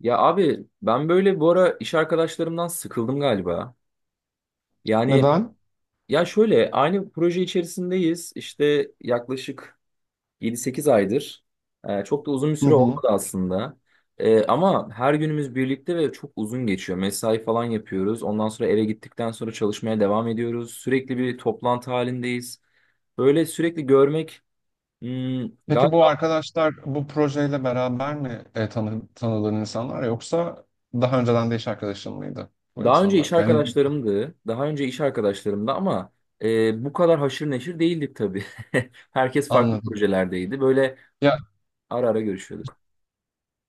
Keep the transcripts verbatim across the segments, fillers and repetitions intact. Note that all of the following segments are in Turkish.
Ya abi ben böyle bu ara iş arkadaşlarımdan sıkıldım galiba. Yani Neden? ya şöyle aynı proje içerisindeyiz. İşte yaklaşık yedi sekiz aydır. Ee, çok da uzun bir Hı süre hı. olmadı aslında. Ee, ama her günümüz birlikte ve çok uzun geçiyor. Mesai falan yapıyoruz. Ondan sonra eve gittikten sonra çalışmaya devam ediyoruz. Sürekli bir toplantı halindeyiz. Böyle sürekli görmek hmm, Peki bu galiba... arkadaşlar bu projeyle beraber mi e, tanı, tanıdığın insanlar yoksa daha önceden de iş arkadaşın mıydı bu Daha önce iş insanlar? Yani arkadaşlarımdı. Daha önce iş arkadaşlarımdı ama e, bu kadar haşır neşir değildik tabii. Herkes farklı anladım. projelerdeydi. Böyle ara ara görüşüyorduk.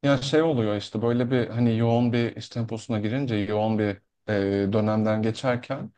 Ya şey oluyor işte böyle bir hani yoğun bir iş temposuna girince yoğun bir e, dönemden geçerken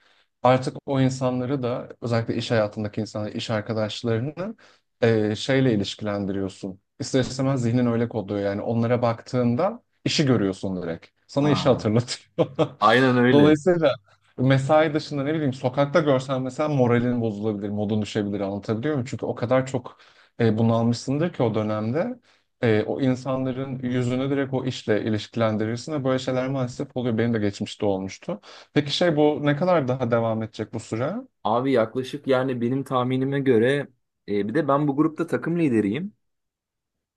artık o insanları da özellikle iş hayatındaki insanları, iş arkadaşlarını e, şeyle ilişkilendiriyorsun. İster istemez zihnin öyle kodluyor yani onlara baktığında işi görüyorsun direkt. Sana işi Ha, hatırlatıyor. aynen öyle. Dolayısıyla mesai dışında ne bileyim sokakta görsen mesela moralin bozulabilir, modun düşebilir, anlatabiliyor muyum? Çünkü o kadar çok e, bunalmışsındır ki o dönemde e, o insanların yüzünü direkt o işle ilişkilendirirsin ve böyle şeyler maalesef oluyor. Benim de geçmişte olmuştu. Peki şey, bu ne kadar daha devam edecek bu süre? Abi yaklaşık yani benim tahminime göre e, bir de ben bu grupta takım lideriyim.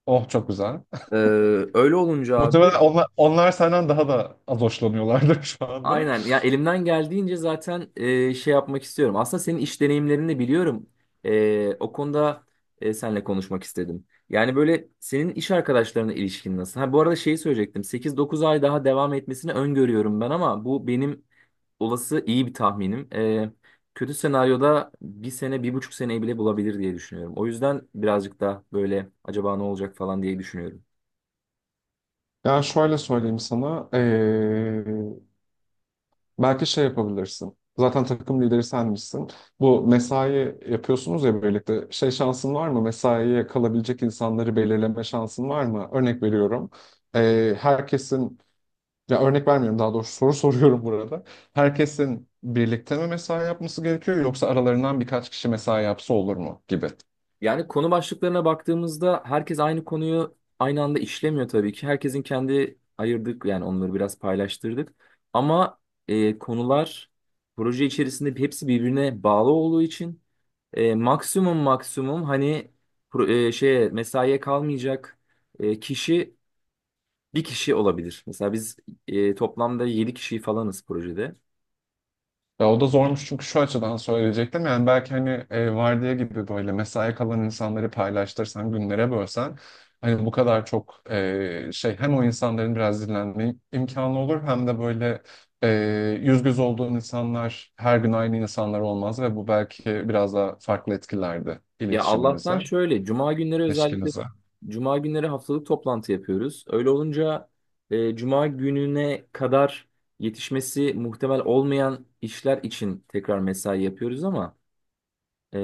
Oh, çok güzel. E, öyle olunca Muhtemelen abi... onlar, onlar senden daha da az hoşlanıyorlardır şu anda. Aynen ya elimden geldiğince zaten e, şey yapmak istiyorum. Aslında senin iş deneyimlerini de biliyorum. E, o konuda e, seninle konuşmak istedim. Yani böyle senin iş arkadaşlarına ilişkin nasıl? Ha, bu arada şeyi söyleyecektim. sekiz dokuz ay daha devam etmesini öngörüyorum ben ama bu benim olası iyi bir tahminim. E, kötü senaryoda bir sene, bir buçuk seneyi bile bulabilir diye düşünüyorum. O yüzden birazcık da böyle acaba ne olacak falan diye düşünüyorum. Ya şöyle söyleyeyim sana, eee, belki şey yapabilirsin. Zaten takım lideri senmişsin. Bu mesai yapıyorsunuz ya birlikte. Şey, şansın var mı? Mesaiye kalabilecek insanları belirleme şansın var mı? Örnek veriyorum. Eee, herkesin Ya, örnek vermiyorum, daha doğrusu soru soruyorum burada. Herkesin birlikte mi mesai yapması gerekiyor, yoksa aralarından birkaç kişi mesai yapsa olur mu gibi. Yani konu başlıklarına baktığımızda herkes aynı konuyu aynı anda işlemiyor tabii ki. Herkesin kendi ayırdık yani onları biraz paylaştırdık. Ama e, konular proje içerisinde hepsi birbirine bağlı olduğu için e, maksimum maksimum hani pro- e, şeye mesaiye kalmayacak e, kişi bir kişi olabilir. Mesela biz e, toplamda yedi kişi falanız projede. Ya, o da zormuş çünkü şu açıdan söyleyecektim. Yani belki hani e, vardiya gibi böyle mesai kalan insanları paylaştırsan, günlere bölsen, hani bu kadar çok e, şey, hem o insanların biraz dinlenme imkanı olur hem de böyle e, yüz göz olduğun insanlar her gün aynı insanlar olmaz ve bu belki biraz daha farklı etkilerdi Ya Allah'tan iletişiminize, şöyle cuma günleri özellikle ilişkinize. cuma günleri haftalık toplantı yapıyoruz. Öyle olunca e, cuma gününe kadar yetişmesi muhtemel olmayan işler için tekrar mesai yapıyoruz ama e,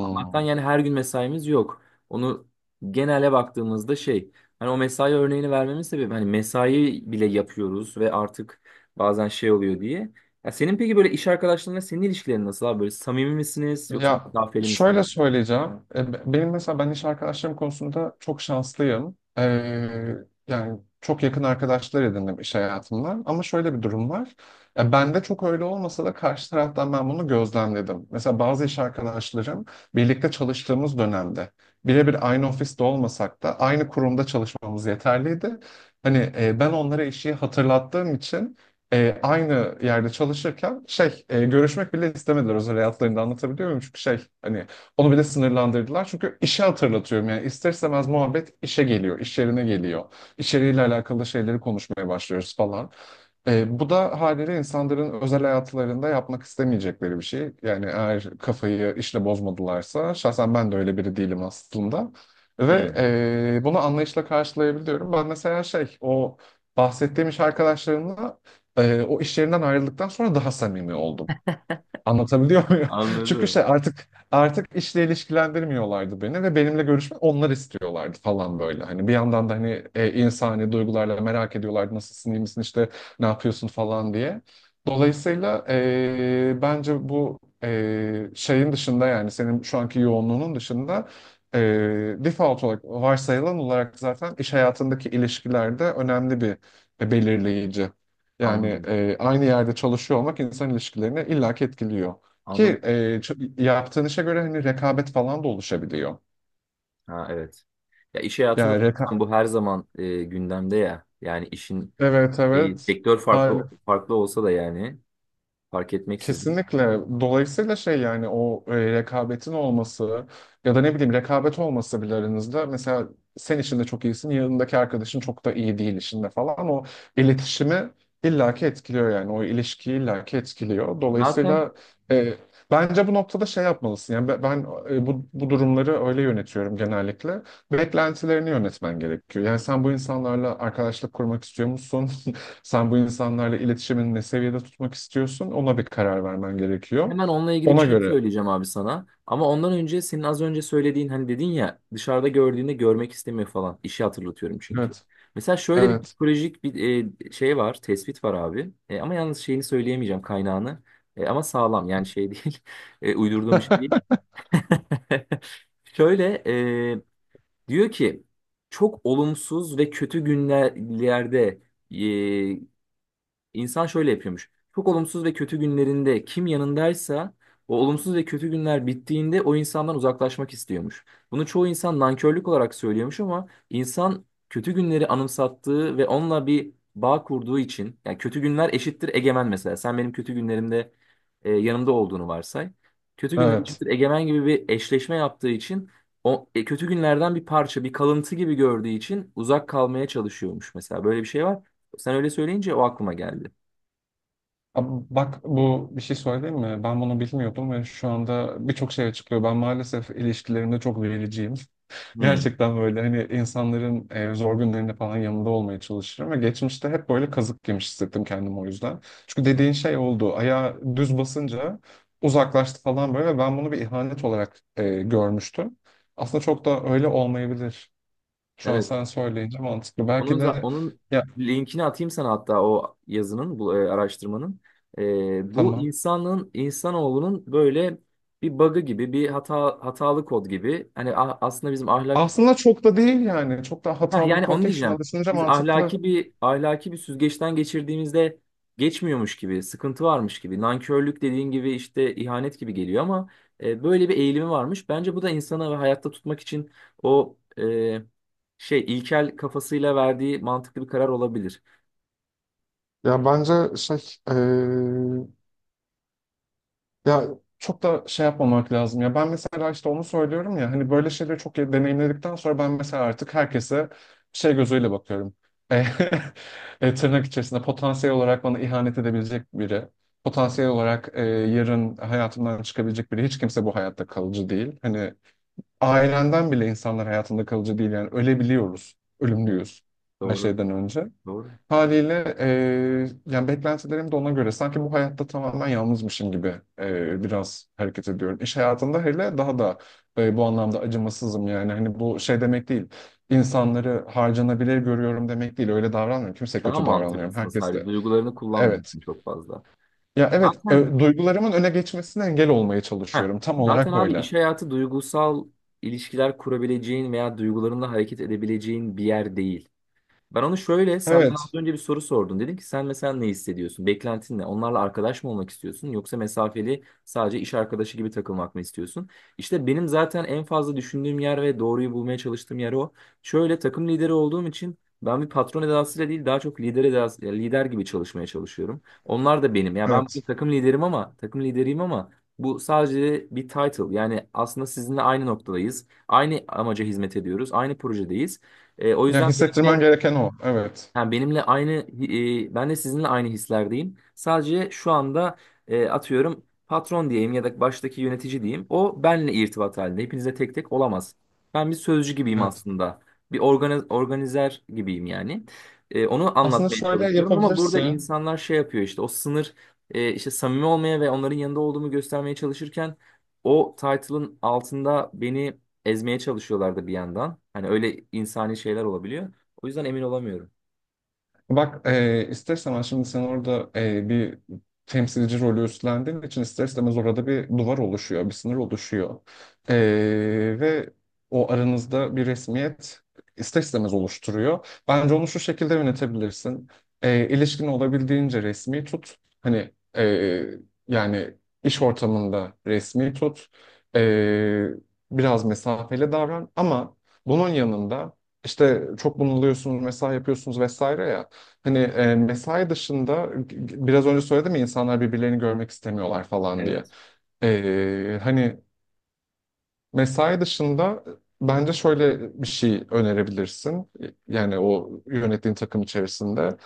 Allah'tan yani her gün mesaimiz yok. Onu genele baktığımızda şey hani o mesai örneğini vermemin sebebi hani mesai bile yapıyoruz ve artık bazen şey oluyor diye. Ya senin peki böyle iş arkadaşlarınla senin ilişkilerin nasıl abi? Böyle samimi misiniz yoksa Ya mesafeli misiniz? şöyle söyleyeceğim. E, be- Benim, mesela, ben iş arkadaşlarım konusunda çok şanslıyım. Ee, yani çok yakın arkadaşlar edindim iş hayatımdan. Ama şöyle bir durum var. Ya bende çok öyle olmasa da karşı taraftan ben bunu gözlemledim. Mesela bazı iş arkadaşlarım birlikte çalıştığımız dönemde birebir aynı ofiste olmasak da aynı kurumda çalışmamız yeterliydi. Hani e, ben onlara işi hatırlattığım için e, aynı yerde çalışırken şey e, görüşmek bile istemediler özel hayatlarında, anlatabiliyor muyum? Çünkü şey hani onu bile sınırlandırdılar. Çünkü işe hatırlatıyorum yani, ister istemez muhabbet işe geliyor, iş yerine geliyor. İçeriğiyle alakalı şeyleri konuşmaya başlıyoruz falan. E, bu da haliyle insanların özel hayatlarında yapmak istemeyecekleri bir şey. Yani eğer kafayı işle bozmadılarsa, şahsen ben de öyle biri değilim aslında. Hı. Ve e, bunu anlayışla karşılayabiliyorum. Ben mesela şey, o bahsettiğim iş arkadaşlarımla e, o iş yerinden ayrıldıktan sonra daha samimi oldum. Anlatabiliyor muyum? Çünkü Anladım. şey, artık artık işle ilişkilendirmiyorlardı beni ve benimle görüşme onlar istiyorlardı falan, böyle. Hani bir yandan da hani e, insani duygularla merak ediyorlardı, nasılsın, iyi misin, işte ne yapıyorsun falan diye. Dolayısıyla e, bence bu e, şeyin dışında, yani senin şu anki yoğunluğunun dışında, e, default olarak, varsayılan olarak, zaten iş hayatındaki ilişkilerde önemli bir e, belirleyici. Yani Anladım. e, aynı yerde çalışıyor olmak insan ilişkilerini illaki etkiliyor. Ki Anladım. e, ç- yaptığın işe göre hani rekabet falan da oluşabiliyor. Ha, evet. Ya iş hayatında Yani reka zaten bu her zaman e, gündemde ya. Yani işin evet e, evet. sektör farklı farklı olsa da yani fark etmeksizin. Kesinlikle. Dolayısıyla şey, yani o e, rekabetin olması ya da ne bileyim, rekabet olması bile aranızda, mesela sen işinde çok iyisin, yanındaki arkadaşın çok da iyi değil işinde falan, o iletişimi illaki etkiliyor, yani o ilişkiyi illaki etkiliyor. Zaten Dolayısıyla e, bence bu noktada şey yapmalısın, yani be- ben, e, bu, bu durumları öyle yönetiyorum genellikle. Beklentilerini yönetmen gerekiyor. Yani sen bu insanlarla arkadaşlık kurmak istiyor musun? Sen bu insanlarla iletişimini ne seviyede tutmak istiyorsun? Ona bir karar vermen gerekiyor. hemen onunla ilgili bir Ona şey göre. söyleyeceğim abi sana. Ama ondan önce senin az önce söylediğin hani dedin ya dışarıda gördüğünde görmek istemiyor falan. İşi hatırlatıyorum çünkü. Evet. Mesela şöyle bir Evet. psikolojik bir e, şey var, tespit var abi. E, ama yalnız şeyini söyleyemeyeceğim kaynağını. E, ama sağlam yani şey değil. E, uydurduğum bir şey değil. Şöyle e, diyor ki çok olumsuz ve kötü günlerde. İnsan şöyle yapıyormuş. Çok olumsuz ve kötü günlerinde kim yanındaysa o olumsuz ve kötü günler bittiğinde o insandan uzaklaşmak istiyormuş. Bunu çoğu insan nankörlük olarak söylüyormuş ama insan kötü günleri anımsattığı ve onunla bir bağ kurduğu için yani kötü günler eşittir egemen mesela. Sen benim kötü günlerimde e, yanımda olduğunu varsay. Kötü günler Evet. eşittir egemen gibi bir eşleşme yaptığı için o e, kötü günlerden bir parça, bir kalıntı gibi gördüğü için uzak kalmaya çalışıyormuş mesela. Böyle bir şey var. Sen öyle söyleyince o aklıma geldi. Ab- Bak, bu, bir şey söyleyeyim mi? Ben bunu bilmiyordum ve şu anda birçok şey açıklıyor. Ben maalesef ilişkilerimde çok vericiyim. Hmm. Gerçekten böyle, hani, insanların e, zor günlerinde falan yanında olmaya çalışırım ve geçmişte hep böyle kazık yemiş hissettim kendimi, o yüzden. Çünkü dediğin şey oldu. Ayağı düz basınca uzaklaştı falan, böyle, ve ben bunu bir ihanet olarak e, görmüştüm. Aslında çok da öyle olmayabilir. Şu an Evet. sen söyleyince mantıklı. Onun Belki za- de, onun ya, linkini atayım sana, hatta o yazının, bu e, araştırmanın. E, bu tamam. insanın insanoğlunun böyle bir bug'ı gibi, bir hata hatalı kod gibi. Hani a- aslında bizim ahlak... Aslında çok da değil yani. Çok da Ha, hatalı bir yani kod onu değil. şu diyeceğim. Şunu düşününce Biz mantıklı. ahlaki bir ahlaki bir süzgeçten geçirdiğimizde geçmiyormuş gibi, sıkıntı varmış gibi, nankörlük dediğin gibi işte ihanet gibi geliyor ama e, böyle bir eğilimi varmış. Bence bu da insana ve hayatta tutmak için o e, şey ilkel kafasıyla verdiği mantıklı bir karar olabilir. Ya bence şey Ya, çok da şey yapmamak lazım ya. Ben mesela işte onu söylüyorum ya, hani böyle şeyleri çok iyi deneyimledikten sonra ben mesela artık herkese şey gözüyle bakıyorum. E, e, tırnak içerisinde, potansiyel olarak bana ihanet edebilecek biri. Potansiyel olarak e, yarın hayatımdan çıkabilecek biri. Hiç kimse bu hayatta kalıcı değil. Hani ailenden bile insanlar hayatında kalıcı değil, yani ölebiliyoruz. Evet, Ölümlüyüz her doğru, şeyden önce. doğru. Haliyle e, yani beklentilerim de ona göre, sanki bu hayatta tamamen yalnızmışım gibi e, biraz hareket ediyorum. İş hayatında hele daha da e, bu anlamda acımasızım, yani, hani, bu şey demek değil. İnsanları harcanabilir görüyorum demek değil. Öyle davranmıyorum. Kimse Daha kötü davranmıyorum. mantıklısın sadece. Herkesle. Duygularını Evet. kullanmıyorsun çok fazla. Ya, evet, Zaten e, duygularımın öne geçmesine engel olmaya Heh. çalışıyorum. Tam Zaten olarak abi öyle. iş hayatı duygusal ilişkiler kurabileceğin veya duygularınla hareket edebileceğin bir yer değil. Ben onu şöyle, sen bana az Evet. önce bir soru sordun. Dedim ki sen mesela ne hissediyorsun? Beklentin ne? Onlarla arkadaş mı olmak istiyorsun? Yoksa mesafeli sadece iş arkadaşı gibi takılmak mı istiyorsun? İşte benim zaten en fazla düşündüğüm yer ve doğruyu bulmaya çalıştığım yer o. Şöyle takım lideri olduğum için ben bir patron edasıyla değil daha çok lider edası, ya lider gibi çalışmaya çalışıyorum. Onlar da benim. Ya ben bir Evet. takım liderim ama takım lideriyim ama bu sadece bir title. Yani aslında sizinle aynı noktadayız. Aynı amaca hizmet ediyoruz. Aynı projedeyiz. E, o Yani yüzden hissettirmen benim gereken o. Evet. yani benimle aynı, e, ben de sizinle aynı hislerdeyim. Sadece şu anda e, atıyorum patron diyeyim ya da baştaki yönetici diyeyim. O benle irtibat halinde. Hepinize tek tek olamaz. Ben bir sözcü gibiyim Evet. aslında. Bir organiz organizer gibiyim yani. E, onu Aslında anlatmaya şöyle çalışıyorum ama burada yapabilirsin. insanlar şey yapıyor işte o sınır e, işte samimi olmaya ve onların yanında olduğumu göstermeye çalışırken o title'ın altında beni ezmeye çalışıyorlardı bir yandan. Hani öyle insani şeyler olabiliyor. O yüzden emin olamıyorum. Bak, e, ister istemez şimdi sen orada e, bir temsilci rolü üstlendiğin için ister istemez orada bir duvar oluşuyor, bir sınır oluşuyor. E, ve o aranızda bir resmiyet ister istemez oluşturuyor. Bence onu şu şekilde yönetebilirsin. E, ilişkin olabildiğince resmi tut. Hani e, yani iş ortamında resmi tut. E, biraz mesafeli davran, ama bunun yanında işte çok bunalıyorsunuz, mesai yapıyorsunuz vesaire ya. Hani e, mesai dışında g- biraz önce söyledim ya, insanlar birbirlerini görmek istemiyorlar falan diye. Evet. E, hani mesai dışında e, bence şöyle bir şey önerebilirsin. E, Yani o yönettiğin takım içerisinde.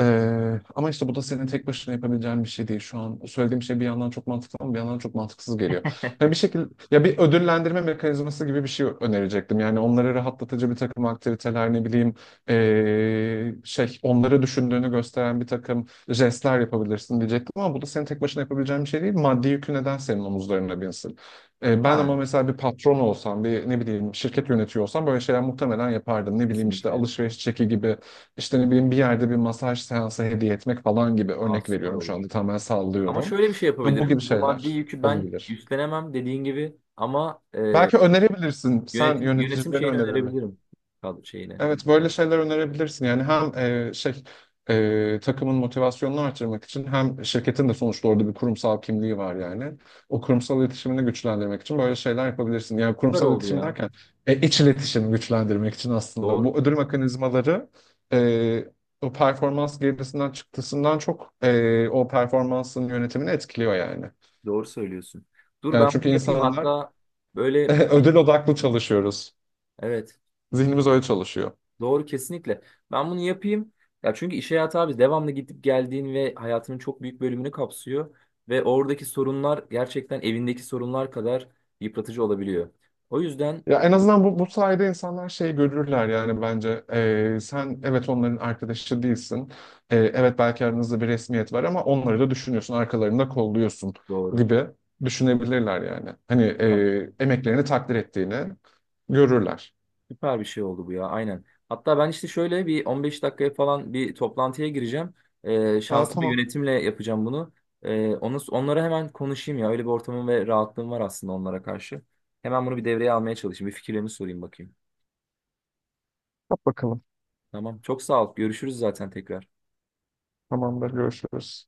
Ee, ama işte bu da senin tek başına yapabileceğin bir şey değil. Şu an söylediğim şey bir yandan çok mantıklı ama bir yandan çok mantıksız geliyor. Yani bir şekilde, ya, bir ödüllendirme mekanizması gibi bir şey önerecektim. Yani onları rahatlatıcı bir takım aktiviteler, ne bileyim, ee, şey, onları düşündüğünü gösteren bir takım jestler yapabilirsin diyecektim, ama bu da senin tek başına yapabileceğin bir şey değil. Maddi yükü neden senin omuzlarına binsin? Ee, ben Ha, ama mesela bir patron olsam, bir, ne bileyim, şirket yönetiyor olsam böyle şeyler muhtemelen yapardım. Ne bileyim, işte kesinlikle. alışveriş çeki gibi, işte ne bileyim, bir yerde bir masaj seansı hediye etmek falan gibi, Aa, örnek süper veriyorum, şu olur. anda tamamen Ama sallıyorum. şöyle bir şey Bu bu gibi yapabilirim. Bu maddi şeyler yükü ben olabilir. üstlenemem dediğin gibi ama e, Belki önerebilirsin. Sen yönetim, yönetim yöneticilerine şeyini önerelim. önerebilirim. Kadro şeyine. Evet. Evet, böyle şeyler önerebilirsin. Yani hem e, şey, e, takımın motivasyonunu artırmak için, hem şirketin de sonuçta orada bir kurumsal kimliği var yani. O kurumsal iletişimini güçlendirmek için böyle şeyler yapabilirsin. Yani Süper kurumsal oldu iletişim ya. derken e, iç iletişimi güçlendirmek için, aslında bu Doğru. ödül mekanizmaları e, o performans gerisinden, çıktısından çok e, o performansın yönetimini etkiliyor yani. Doğru söylüyorsun. Dur Yani ben çünkü bunu yapayım. insanlar Hatta böyle bir- ödül odaklı çalışıyoruz. evet. Zihnimiz öyle çalışıyor. Doğru kesinlikle. Ben bunu yapayım. Ya çünkü iş hayatı abi devamlı gidip geldiğin ve hayatının çok büyük bölümünü kapsıyor ve oradaki sorunlar gerçekten evindeki sorunlar kadar yıpratıcı olabiliyor. O yüzden Ya en e, azından bu, bu sayede insanlar şey görürler yani, bence Ee, sen, evet, onların arkadaşı değilsin. Ee, evet belki aranızda bir resmiyet var, ama onları da düşünüyorsun, arkalarında kolluyorsun doğru. gibi düşünebilirler yani. Hani Süper e, emeklerini takdir ettiğini görürler. Süper bir şey oldu bu ya aynen. Hatta ben işte şöyle bir on beş dakikaya falan bir toplantıya gireceğim. Ee, Aa, şansıma tamam, yönetimle yapacağım bunu. Ee, onu, onlara hemen konuşayım ya. Öyle bir ortamım ve rahatlığım var aslında onlara karşı. Hemen bunu bir devreye almaya çalışayım. Bir fikirlerini sorayım bakayım. yap bakalım. Tamam. Çok sağ ol. Görüşürüz zaten tekrar. Tamamdır, görüşürüz.